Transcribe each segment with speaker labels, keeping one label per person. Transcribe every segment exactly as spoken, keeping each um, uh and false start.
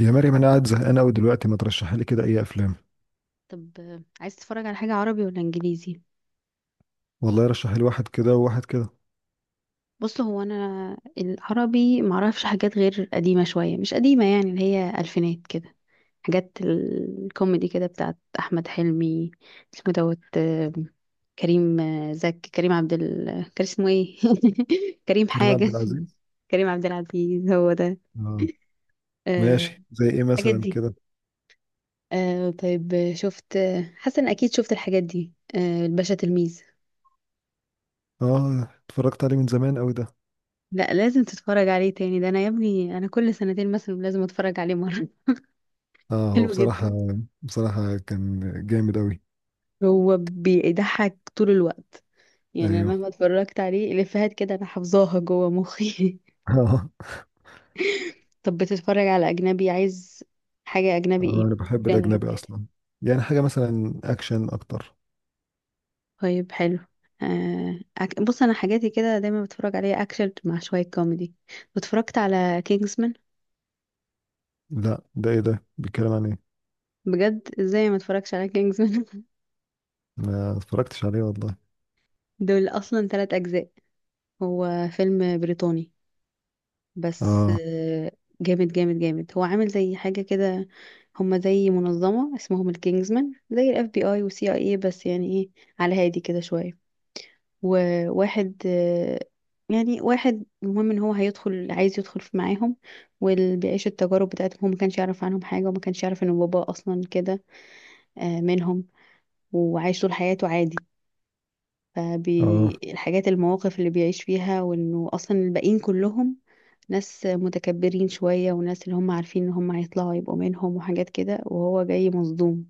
Speaker 1: يا مريم، انا قاعد زهقان قوي دلوقتي. ما ترشحي لي كده اي افلام؟
Speaker 2: طب، آه، عايز تتفرج على حاجة عربي ولا انجليزي؟
Speaker 1: والله رشحي لي واحد كده وواحد كده.
Speaker 2: بص، هو انا العربي معرفش حاجات غير قديمة شوية، مش قديمة يعني، اللي هي الفينات كده. حاجات الكوميدي كده بتاعت احمد حلمي. اسمه دوت آه، كريم، آه، زك كريم عبد ال... كان اسمه ايه؟ كريم
Speaker 1: كريم عبد
Speaker 2: حاجة.
Speaker 1: العزيز.
Speaker 2: كريم عبد العزيز هو ده.
Speaker 1: اه.
Speaker 2: آه،
Speaker 1: ماشي، زي ايه
Speaker 2: الحاجات
Speaker 1: مثلا
Speaker 2: دي.
Speaker 1: كده؟
Speaker 2: آه، طيب، آه، شفت آه، حسن اكيد شفت الحاجات دي، آه، الباشا تلميذ.
Speaker 1: اه، اتفرجت عليه من زمان قوي ده.
Speaker 2: لا، لازم تتفرج عليه تاني، ده انا يا ابني انا كل سنتين مثلا لازم اتفرج عليه مره.
Speaker 1: اه، هو
Speaker 2: حلو جدا.
Speaker 1: بصراحة بصراحة كان جامد قوي.
Speaker 2: هو بيضحك طول الوقت، يعني أنا
Speaker 1: ايوه.
Speaker 2: مهما اتفرجت عليه الافيهات كده انا حافظاها جوه مخي.
Speaker 1: اه.
Speaker 2: طب بتتفرج على اجنبي؟ عايز حاجه اجنبي ايه؟
Speaker 1: انا بحب
Speaker 2: الجنرا
Speaker 1: الاجنبي
Speaker 2: بتاعتها؟
Speaker 1: اصلا. يعني حاجة مثلا اكشن اكتر.
Speaker 2: طيب حلو. آه أك... بص انا حاجاتي كده دايما بتفرج عليها اكشن مع شويه كوميدي. اتفرجت على كينجزمان؟
Speaker 1: لا، ده ايه ده؟ بيتكلم عن ايه؟
Speaker 2: بجد؟ ازاي ما اتفرجش على كينجزمان؟
Speaker 1: ما اتفرجتش عليه والله.
Speaker 2: دول اصلا ثلاث اجزاء. هو فيلم بريطاني بس،
Speaker 1: اه.
Speaker 2: آه، جامد جامد جامد. هو عامل زي حاجة كده، هما زي منظمة اسمهم الكينجزمان، زي الاف بي اي وسي اي اي بس يعني، ايه، على هادي كده شوية. وواحد آه، يعني واحد المهم ان هو هيدخل، عايز يدخل في معاهم، واللي بيعيش التجارب بتاعتهم. هو ما كانش يعرف عنهم حاجة، وما كانش يعرف ان بابا اصلا كده آه، منهم، وعايش طول حياته عادي.
Speaker 1: اه.
Speaker 2: فالحاجات، المواقف اللي بيعيش فيها، وانه اصلا الباقيين كلهم ناس متكبرين شوية، وناس اللي هم عارفين ان هم هيطلعوا يبقوا منهم وحاجات كده، وهو جاي مصدوم.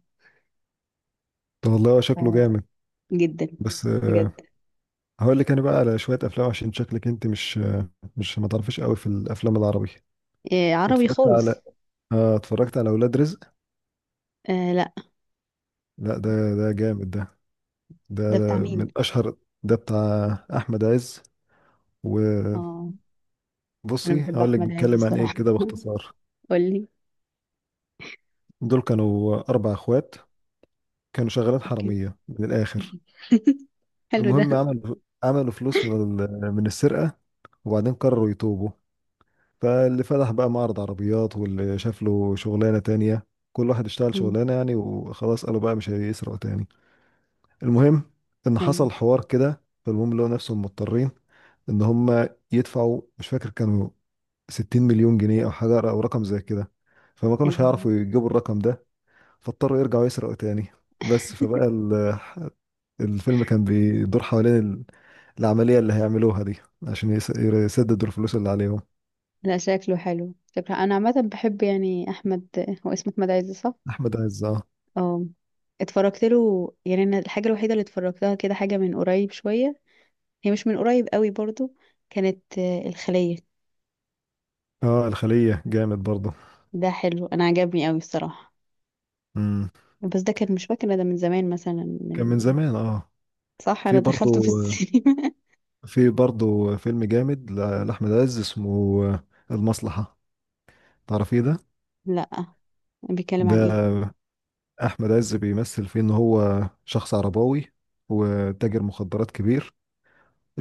Speaker 1: طب والله هو شكله
Speaker 2: ف-
Speaker 1: جامد.
Speaker 2: جدا،
Speaker 1: بس آه،
Speaker 2: بجد.
Speaker 1: هقول لك انا بقى على شويه افلام، عشان شكلك انت مش مش ما تعرفيش قوي في الافلام العربي.
Speaker 2: إيه عربي
Speaker 1: اتفرجت على،
Speaker 2: خالص.
Speaker 1: اه، اتفرجت على اولاد رزق.
Speaker 2: آه لا.
Speaker 1: لا، ده ده جامد ده.
Speaker 2: ده
Speaker 1: ده, ده
Speaker 2: بتاع مين؟
Speaker 1: من اشهر. ده بتاع احمد عز. وبصي،
Speaker 2: اه، انا بحب
Speaker 1: هقول لك
Speaker 2: احمد عز
Speaker 1: بيتكلم عن ايه
Speaker 2: الصراحة.
Speaker 1: كده باختصار.
Speaker 2: قولي.
Speaker 1: دول كانوا اربع اخوات، كانوا شغالات
Speaker 2: اوكي.
Speaker 1: حراميه من الاخر.
Speaker 2: حلو ده.
Speaker 1: المهم عملوا عملوا فلوس من ال- من السرقه. وبعدين قرروا يتوبوا. فاللي فتح بقى معرض عربيات، واللي شاف له شغلانه تانية. كل واحد اشتغل
Speaker 2: مم.
Speaker 1: شغلانه يعني، وخلاص قالوا بقى مش هيسرقوا تاني. المهم ان
Speaker 2: ايوه.
Speaker 1: حصل حوار كده، فالمهم لقوا نفسهم مضطرين ان هم يدفعوا، مش فاكر كانوا ستين مليون جنيه او حاجه، او رقم زي كده. فما كانوش
Speaker 2: انا.
Speaker 1: هيعرفوا يجيبوا الرقم ده. فاضطروا يرجعوا يسرقوا تاني. بس فبقى ال- الفيلم كان بيدور حوالين ال- العمليه اللي هيعملوها دي، عشان يس- يسددوا الفلوس اللي عليهم.
Speaker 2: لا شكله حلو، شكله. انا عامة بحب يعني احمد، هو اسمه احمد عز صح؟
Speaker 1: احمد عز، اه.
Speaker 2: اه. اتفرجت له يعني، انا الحاجة الوحيدة اللي اتفرجتها كده حاجة من قريب شوية، هي مش من قريب قوي برضو، كانت آه، الخلية.
Speaker 1: اه، الخليه جامد برضه.
Speaker 2: ده حلو، انا عجبني قوي الصراحة.
Speaker 1: امم.
Speaker 2: بس ده كان مش فاكرة، ده من زمان مثلا من...
Speaker 1: كان من زمان اه.
Speaker 2: صح، انا
Speaker 1: في برضه
Speaker 2: دخلته في السينما.
Speaker 1: في برضه فيلم جامد ل- لأحمد عز اسمه المصلحة. تعرفيه ده؟
Speaker 2: لا. بيتكلم
Speaker 1: ده،
Speaker 2: عن ايه؟
Speaker 1: أحمد عز بيمثل فيه إن هو شخص عرباوي وتاجر مخدرات كبير.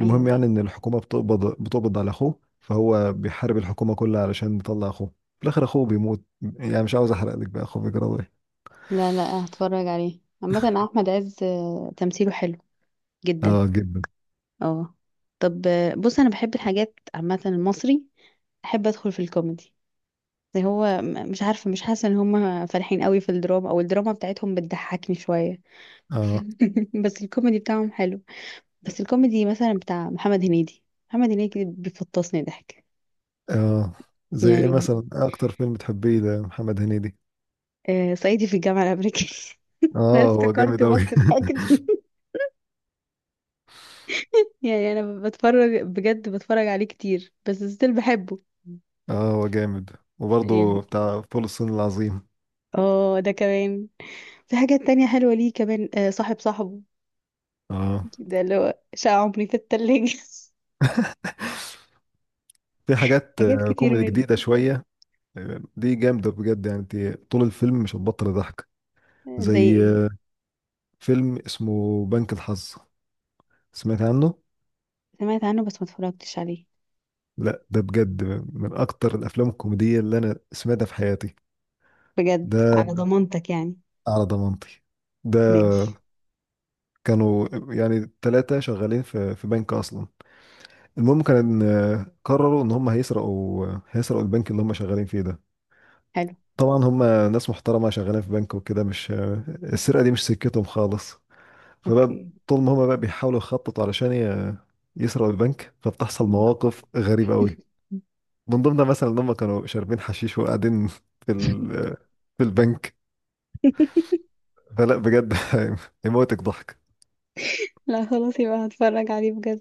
Speaker 2: ايوه بقى.
Speaker 1: يعني إن الحكومة بتقبض بتقبض على أخوه، فهو بيحارب الحكومة كلها علشان يطلع أخوه. في الآخر أخوه بيموت. يعني مش عاوز أحرق لك بقى أخوه بيجرى إيه.
Speaker 2: لا لا، هتفرج عليه. عامة احمد عز آه، تمثيله حلو جدا.
Speaker 1: آه جدا.
Speaker 2: اه. طب، آه، بص انا بحب الحاجات عامة المصري، احب ادخل في الكوميدي. زي هو م- مش عارفة، مش حاسة ان هم فالحين قوي في الدراما، او الدراما بتاعتهم بتضحكني شوية.
Speaker 1: آه.
Speaker 2: بس الكوميدي بتاعهم حلو. بس الكوميدي مثلا بتاع محمد هنيدي، محمد هنيدي بيفطسني ضحك.
Speaker 1: آه، زي إيه
Speaker 2: يعني،
Speaker 1: مثلا؟ إيه أكتر فيلم تحبيه ده، محمد هنيدي؟
Speaker 2: آه صعيدي في الجامعة الأمريكية. أنا
Speaker 1: آه هو جامد
Speaker 2: افتكرت
Speaker 1: أوي.
Speaker 2: بس ضحكت. يعني أنا بتفرج بجد، بتفرج عليه كتير بس ستيل بحبه.
Speaker 1: اه هو جامد. وبرضه
Speaker 2: يعني
Speaker 1: بتاع فول الصين العظيم.
Speaker 2: اه، ده كمان. في حاجات تانية حلوة ليه كمان، آه صاحب صاحبه،
Speaker 1: اه،
Speaker 2: ده اللي هو شقة عمري في التلاجة.
Speaker 1: في حاجات
Speaker 2: حاجات
Speaker 1: آه،
Speaker 2: كتير
Speaker 1: كوميدي
Speaker 2: منه.
Speaker 1: جديدة شوية. آه، دي جامدة بجد، يعني انت طول الفيلم مش هتبطل ضحك.
Speaker 2: آه، زي
Speaker 1: زي
Speaker 2: ايه؟
Speaker 1: آه، فيلم اسمه بنك الحظ. سمعت عنه؟
Speaker 2: سمعت عنه بس ما اتفرجتش عليه.
Speaker 1: لا، ده بجد من أكتر الأفلام الكوميدية اللي أنا سمعتها في حياتي.
Speaker 2: بجد؟
Speaker 1: ده
Speaker 2: على ضمانتك يعني؟
Speaker 1: على ضمانتي. ده
Speaker 2: ماشي.
Speaker 1: كانوا يعني ثلاثة شغالين في في بنك أصلا. المهم كان، آه، قرروا إن هم هيسرقوا آه، هيسرقوا البنك اللي هم شغالين فيه ده.
Speaker 2: حلو.
Speaker 1: طبعا هم ناس محترمة، شغالين في بنك وكده، مش السرقة دي مش سكتهم خالص. فبقى
Speaker 2: اوكي.
Speaker 1: طول ما هم بقى بيحاولوا يخططوا علشان ي- يسرقوا البنك، فبتحصل مواقف غريبة قوي. من ضمنها مثلا ان هم كانوا شاربين حشيش وقاعدين في ال... في البنك. فلا بجد، يموتك ضحك.
Speaker 2: لا خلاص، يبقى هتفرج عليه بجد.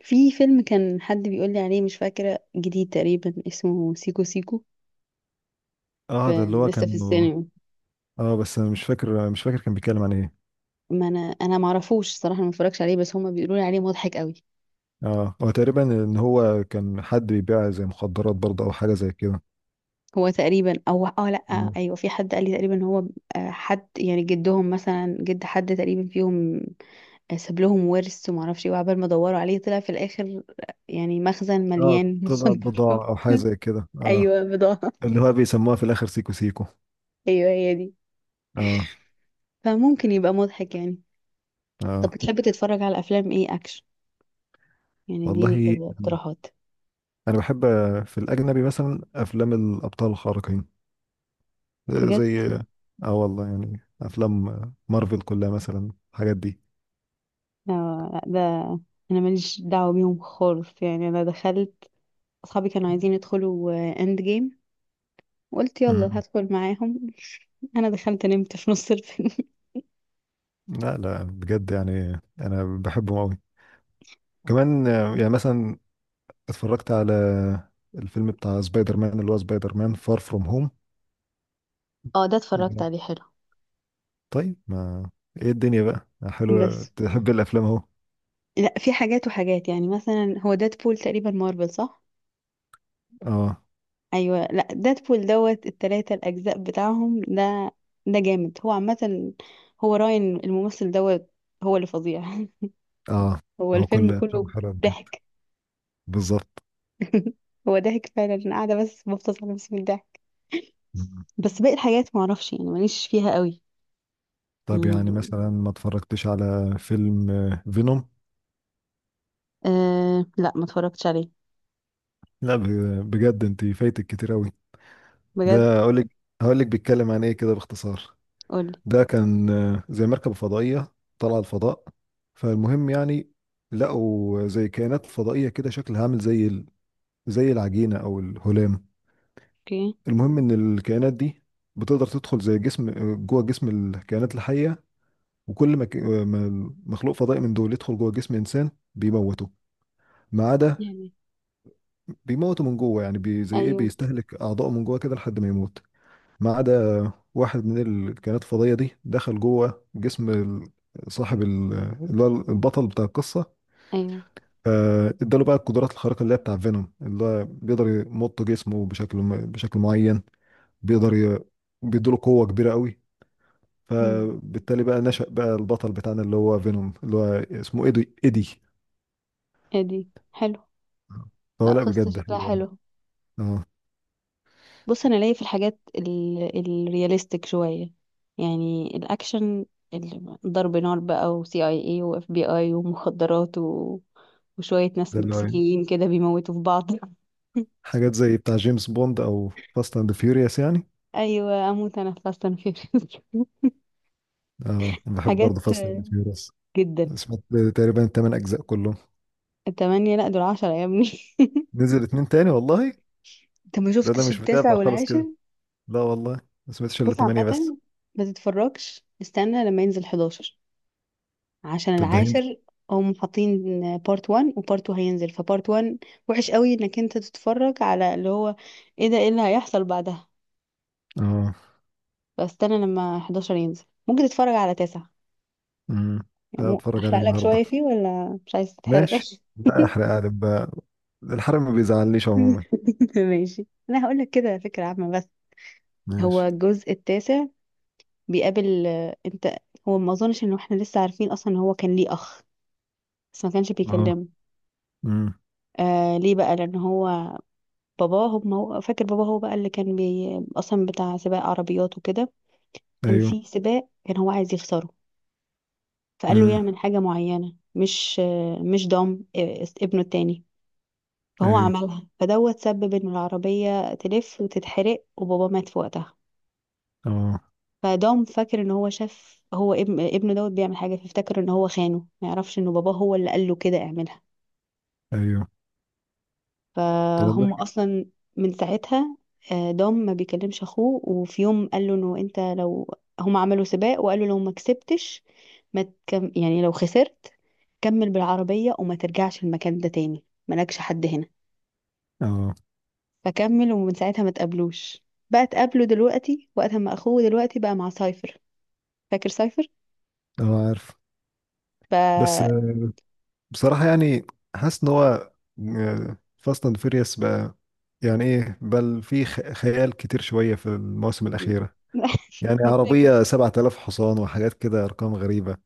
Speaker 2: في فيلم كان حد بيقول لي عليه، مش فاكرة، جديد تقريبا، اسمه سيكو سيكو. ف-
Speaker 1: اه ده اللي هو
Speaker 2: لسه
Speaker 1: كان.
Speaker 2: في السينما.
Speaker 1: اه بس انا مش فاكر مش فاكر كان بيتكلم عن ايه.
Speaker 2: ما انا انا ما اعرفوش صراحة، ما اتفرجش عليه، بس هما بيقولوا لي عليه مضحك قوي.
Speaker 1: اه، هو تقريبا ان هو كان حد بيبيع زي مخدرات برضه، او حاجة زي كده.
Speaker 2: هو تقريبا، او اه لا.
Speaker 1: اه.
Speaker 2: ايوه، في حد قال لي تقريبا ان هو، آه، حد يعني جدهم مثلا، جد حد تقريبا فيهم، آه، ساب لهم ورث، وما اعرفش ايه، وعبال ما دوروا عليه طلع في الاخر آه، يعني مخزن
Speaker 1: آه،
Speaker 2: مليان
Speaker 1: طلع
Speaker 2: مخدرات.
Speaker 1: بضاعة او حاجة زي كده. اه.
Speaker 2: ايوه، بضاعة.
Speaker 1: اللي هو بيسموها في الاخر سيكو سيكو.
Speaker 2: ايوه هي دي.
Speaker 1: اه.
Speaker 2: فممكن يبقى مضحك يعني. طب
Speaker 1: اه
Speaker 2: بتحب تتفرج على افلام ايه؟ اكشن يعني؟
Speaker 1: والله
Speaker 2: اديني كده اقتراحات.
Speaker 1: انا بحب في الاجنبي مثلا افلام الابطال الخارقين. آه،
Speaker 2: بجد.
Speaker 1: زي، اه والله، يعني افلام مارفل كلها مثلا، الحاجات دي.
Speaker 2: لا، لا، ده انا ماليش دعوه بيهم خالص. يعني انا دخلت، اصحابي كانوا عايزين يدخلوا اند جيم، وقلت يلا
Speaker 1: مم.
Speaker 2: هدخل معاهم. انا دخلت نمت في نص الفيلم.
Speaker 1: لا لا، بجد يعني انا بحبهم قوي. كمان، آه، يعني مثلا اتفرجت على الفيلم بتاع سبايدر مان، اللي هو سبايدر مان فار فروم هوم.
Speaker 2: اه، ده اتفرجت عليه، حلو.
Speaker 1: طيب ما، ايه الدنيا بقى حلوة،
Speaker 2: بس
Speaker 1: تحب الافلام اهو.
Speaker 2: لا، في حاجات وحاجات. يعني مثلا هو ديدبول تقريبا مارفل صح؟
Speaker 1: اه.
Speaker 2: ايوه. لا ديدبول دوت التلاتة الاجزاء بتاعهم ده، ده جامد هو عامه. هو راين الممثل دوت هو اللي فظيع.
Speaker 1: اه.
Speaker 2: هو
Speaker 1: هو
Speaker 2: الفيلم
Speaker 1: كل افلام
Speaker 2: كله
Speaker 1: حلوة بجد.
Speaker 2: ضحك.
Speaker 1: بالظبط.
Speaker 2: هو ضحك فعلا، انا قاعده بس بفطس على نفسي من الضحك.
Speaker 1: مم.
Speaker 2: بس باقي الحاجات ما اعرفش يعني، ماليش فيها قوي.
Speaker 1: طب يعني
Speaker 2: يعني.
Speaker 1: مثلا ما اتفرجتش على فيلم فينوم؟
Speaker 2: أه لا، ما اتفرجتش عليه.
Speaker 1: لا ب- بجد انت فايتك كتير قوي.
Speaker 2: بجد.
Speaker 1: ده اقول لك، هقول لك بيتكلم عن ايه كده باختصار.
Speaker 2: قولي.
Speaker 1: ده كان آه، زي مركبة فضائية طالعة الفضاء. فالمهم يعني لقوا زي كائنات فضائية كده شكلها عامل زي ال- زي العجينة او الهلام.
Speaker 2: اوكي.
Speaker 1: المهم ان الكائنات دي بتقدر تدخل زي جسم، آه، جوه جسم الكائنات الحية. وكل ما ك- آه، ما مخلوق فضائي من دول يدخل جوه جسم انسان بيموته. ما عدا
Speaker 2: يعني.
Speaker 1: بيموتوا من جوه، يعني بي زي ايه
Speaker 2: ايوه.
Speaker 1: بيستهلك اعضائه من جوه كده لحد ما يموت. ما عدا واحد من الكائنات الفضائيه دي دخل جوه جسم ال- صاحب ال- اللي هو البطل بتاع القصه.
Speaker 2: ايوه.
Speaker 1: آه، اداله بقى القدرات الخارقه اللي هي بتاع فينوم، اللي هو بيقدر يمط جسمه بشكل م- بشكل معين. بيقدر ي... بيديله قوه كبيره قوي.
Speaker 2: مم.
Speaker 1: فبالتالي بقى نشأ بقى البطل بتاعنا اللي هو فينوم، اللي هو اسمه ايدي ايدي.
Speaker 2: ادي حلو.
Speaker 1: فهو
Speaker 2: لا،
Speaker 1: لا
Speaker 2: قصة
Speaker 1: بجد
Speaker 2: شكلها
Speaker 1: حلو يعني.
Speaker 2: حلو.
Speaker 1: اه،
Speaker 2: بص انا ليا في الحاجات ال... الرياليستيك شوية، يعني الاكشن، ال- ضرب نار بقى، وسي اي اي واف بي اي ومخدرات و... وشوية ناس
Speaker 1: ده اللي هو
Speaker 2: مكسيكيين كده بيموتوا في بعض.
Speaker 1: حاجات زي بتاع جيمس بوند او فاست اند فيوريوس يعني.
Speaker 2: ايوه، اموت انا في فاست اند فيوريوس.
Speaker 1: اه انا بحب برضه
Speaker 2: حاجات.
Speaker 1: فاست اند فيوريوس.
Speaker 2: جدا.
Speaker 1: سمعت تقريبا الثمان اجزاء كلهم.
Speaker 2: التمانية؟ لا دول عشرة يا ابني.
Speaker 1: نزل اتنين تاني والله.
Speaker 2: انت ما
Speaker 1: ده ده
Speaker 2: شفتش
Speaker 1: مش
Speaker 2: التاسع
Speaker 1: متابع خالص
Speaker 2: والعاشر؟
Speaker 1: كده. لا والله، ما سمعتش الا
Speaker 2: بص
Speaker 1: تمانية بس.
Speaker 2: عامة، ما تتفرجش، استنى لما ينزل أحد عشر، عشان
Speaker 1: طب ده هند.
Speaker 2: العاشر هم حاطين بارت واحد وبارت اتنين، هينزل فبارت واحد وحش قوي انك انت تتفرج على اللي هو، ايه ده، ايه اللي هيحصل بعدها.
Speaker 1: اه.
Speaker 2: فاستنى لما أحد عشر ينزل، ممكن تتفرج على تاسع.
Speaker 1: امم.
Speaker 2: يعني
Speaker 1: لا،
Speaker 2: مو،
Speaker 1: اتفرج عليه
Speaker 2: احرق لك
Speaker 1: النهارده.
Speaker 2: شوية فيه ولا مش عايز تتحرق؟
Speaker 1: ماشي. لا احرق عادي بقى، الحرق ما بيزعلنيش عموما.
Speaker 2: ماشي. انا هقول لك كده فكرة عامة بس. هو
Speaker 1: ماشي.
Speaker 2: الجزء التاسع بيقابل آه، انت، هو ما اظنش ان احنا لسه عارفين اصلا ان هو كان ليه اخ بس ما كانش
Speaker 1: اه.
Speaker 2: بيكلمه.
Speaker 1: امم.
Speaker 2: آه ليه بقى؟ لان هو باباه، هو ما هو فاكر باباه هو بقى اللي كان بي اصلا بتاع سباق عربيات وكده. كان
Speaker 1: ايوه.
Speaker 2: في سباق كان هو عايز يخسره، فقال له
Speaker 1: امم.
Speaker 2: يعمل حاجة معينة، مش آه، مش ضم آه، ابنه التاني فهو
Speaker 1: ايوه.
Speaker 2: عملها، فدوت سبب ان العربية تلف وتتحرق، وبابا مات في وقتها.
Speaker 1: اه.
Speaker 2: فدوم فاكر ان هو شاف، هو ابن ابنه دوت بيعمل حاجه، فافتكر ان هو خانه، ما يعرفش ان باباه هو اللي قال له كده اعملها.
Speaker 1: ايوه. طب والله.
Speaker 2: فهم اصلا من ساعتها آه، دوم ما بيكلمش اخوه. وفي يوم قال له انه انت لو، هم عملوا سباق وقالوا لو ما كسبتش، ما تكم... يعني لو خسرت، كمل بالعربيه وما ترجعش المكان ده تاني، مالكش حد هنا.
Speaker 1: اه،
Speaker 2: فكمل، ومن ساعتها ما تقابلوش. بقى تقابله دلوقتي وقت ما اخوه دلوقتي بقى مع سايفر. فاكر
Speaker 1: اه، عارف. بس
Speaker 2: سايفر؟
Speaker 1: بصراحة يعني، حاسس ان هو فاست اند فيريوس بقى، يعني ايه بل في خ- خيال كتير شوية في المواسم الأخيرة. يعني
Speaker 2: انا كده
Speaker 1: عربية
Speaker 2: كده.
Speaker 1: سبع آلاف حصان وحاجات كده، أرقام غريبة،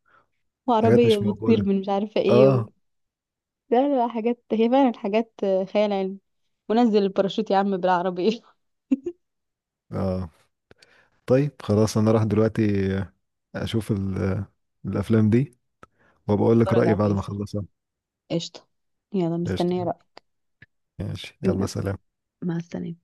Speaker 1: حاجات
Speaker 2: وعربية
Speaker 1: مش
Speaker 2: بتطير
Speaker 1: موجودة.
Speaker 2: من مش عارفة ايه و...
Speaker 1: اه.
Speaker 2: لا لا لا، حاجات هي فعلا حاجات خيال علمي. ونزل الباراشوت يا عم بالعربية.
Speaker 1: اه طيب خلاص، أنا راح دلوقتي آه، أشوف ال- الأفلام دي، وبقول لك
Speaker 2: اتفرج
Speaker 1: رأيي
Speaker 2: على
Speaker 1: بعد ما
Speaker 2: التاسع.
Speaker 1: أخلصها.
Speaker 2: قشطة. يلا،
Speaker 1: قشطة.
Speaker 2: مستنية رأيك.
Speaker 1: ماشي يلا سلام.
Speaker 2: مع السلامة.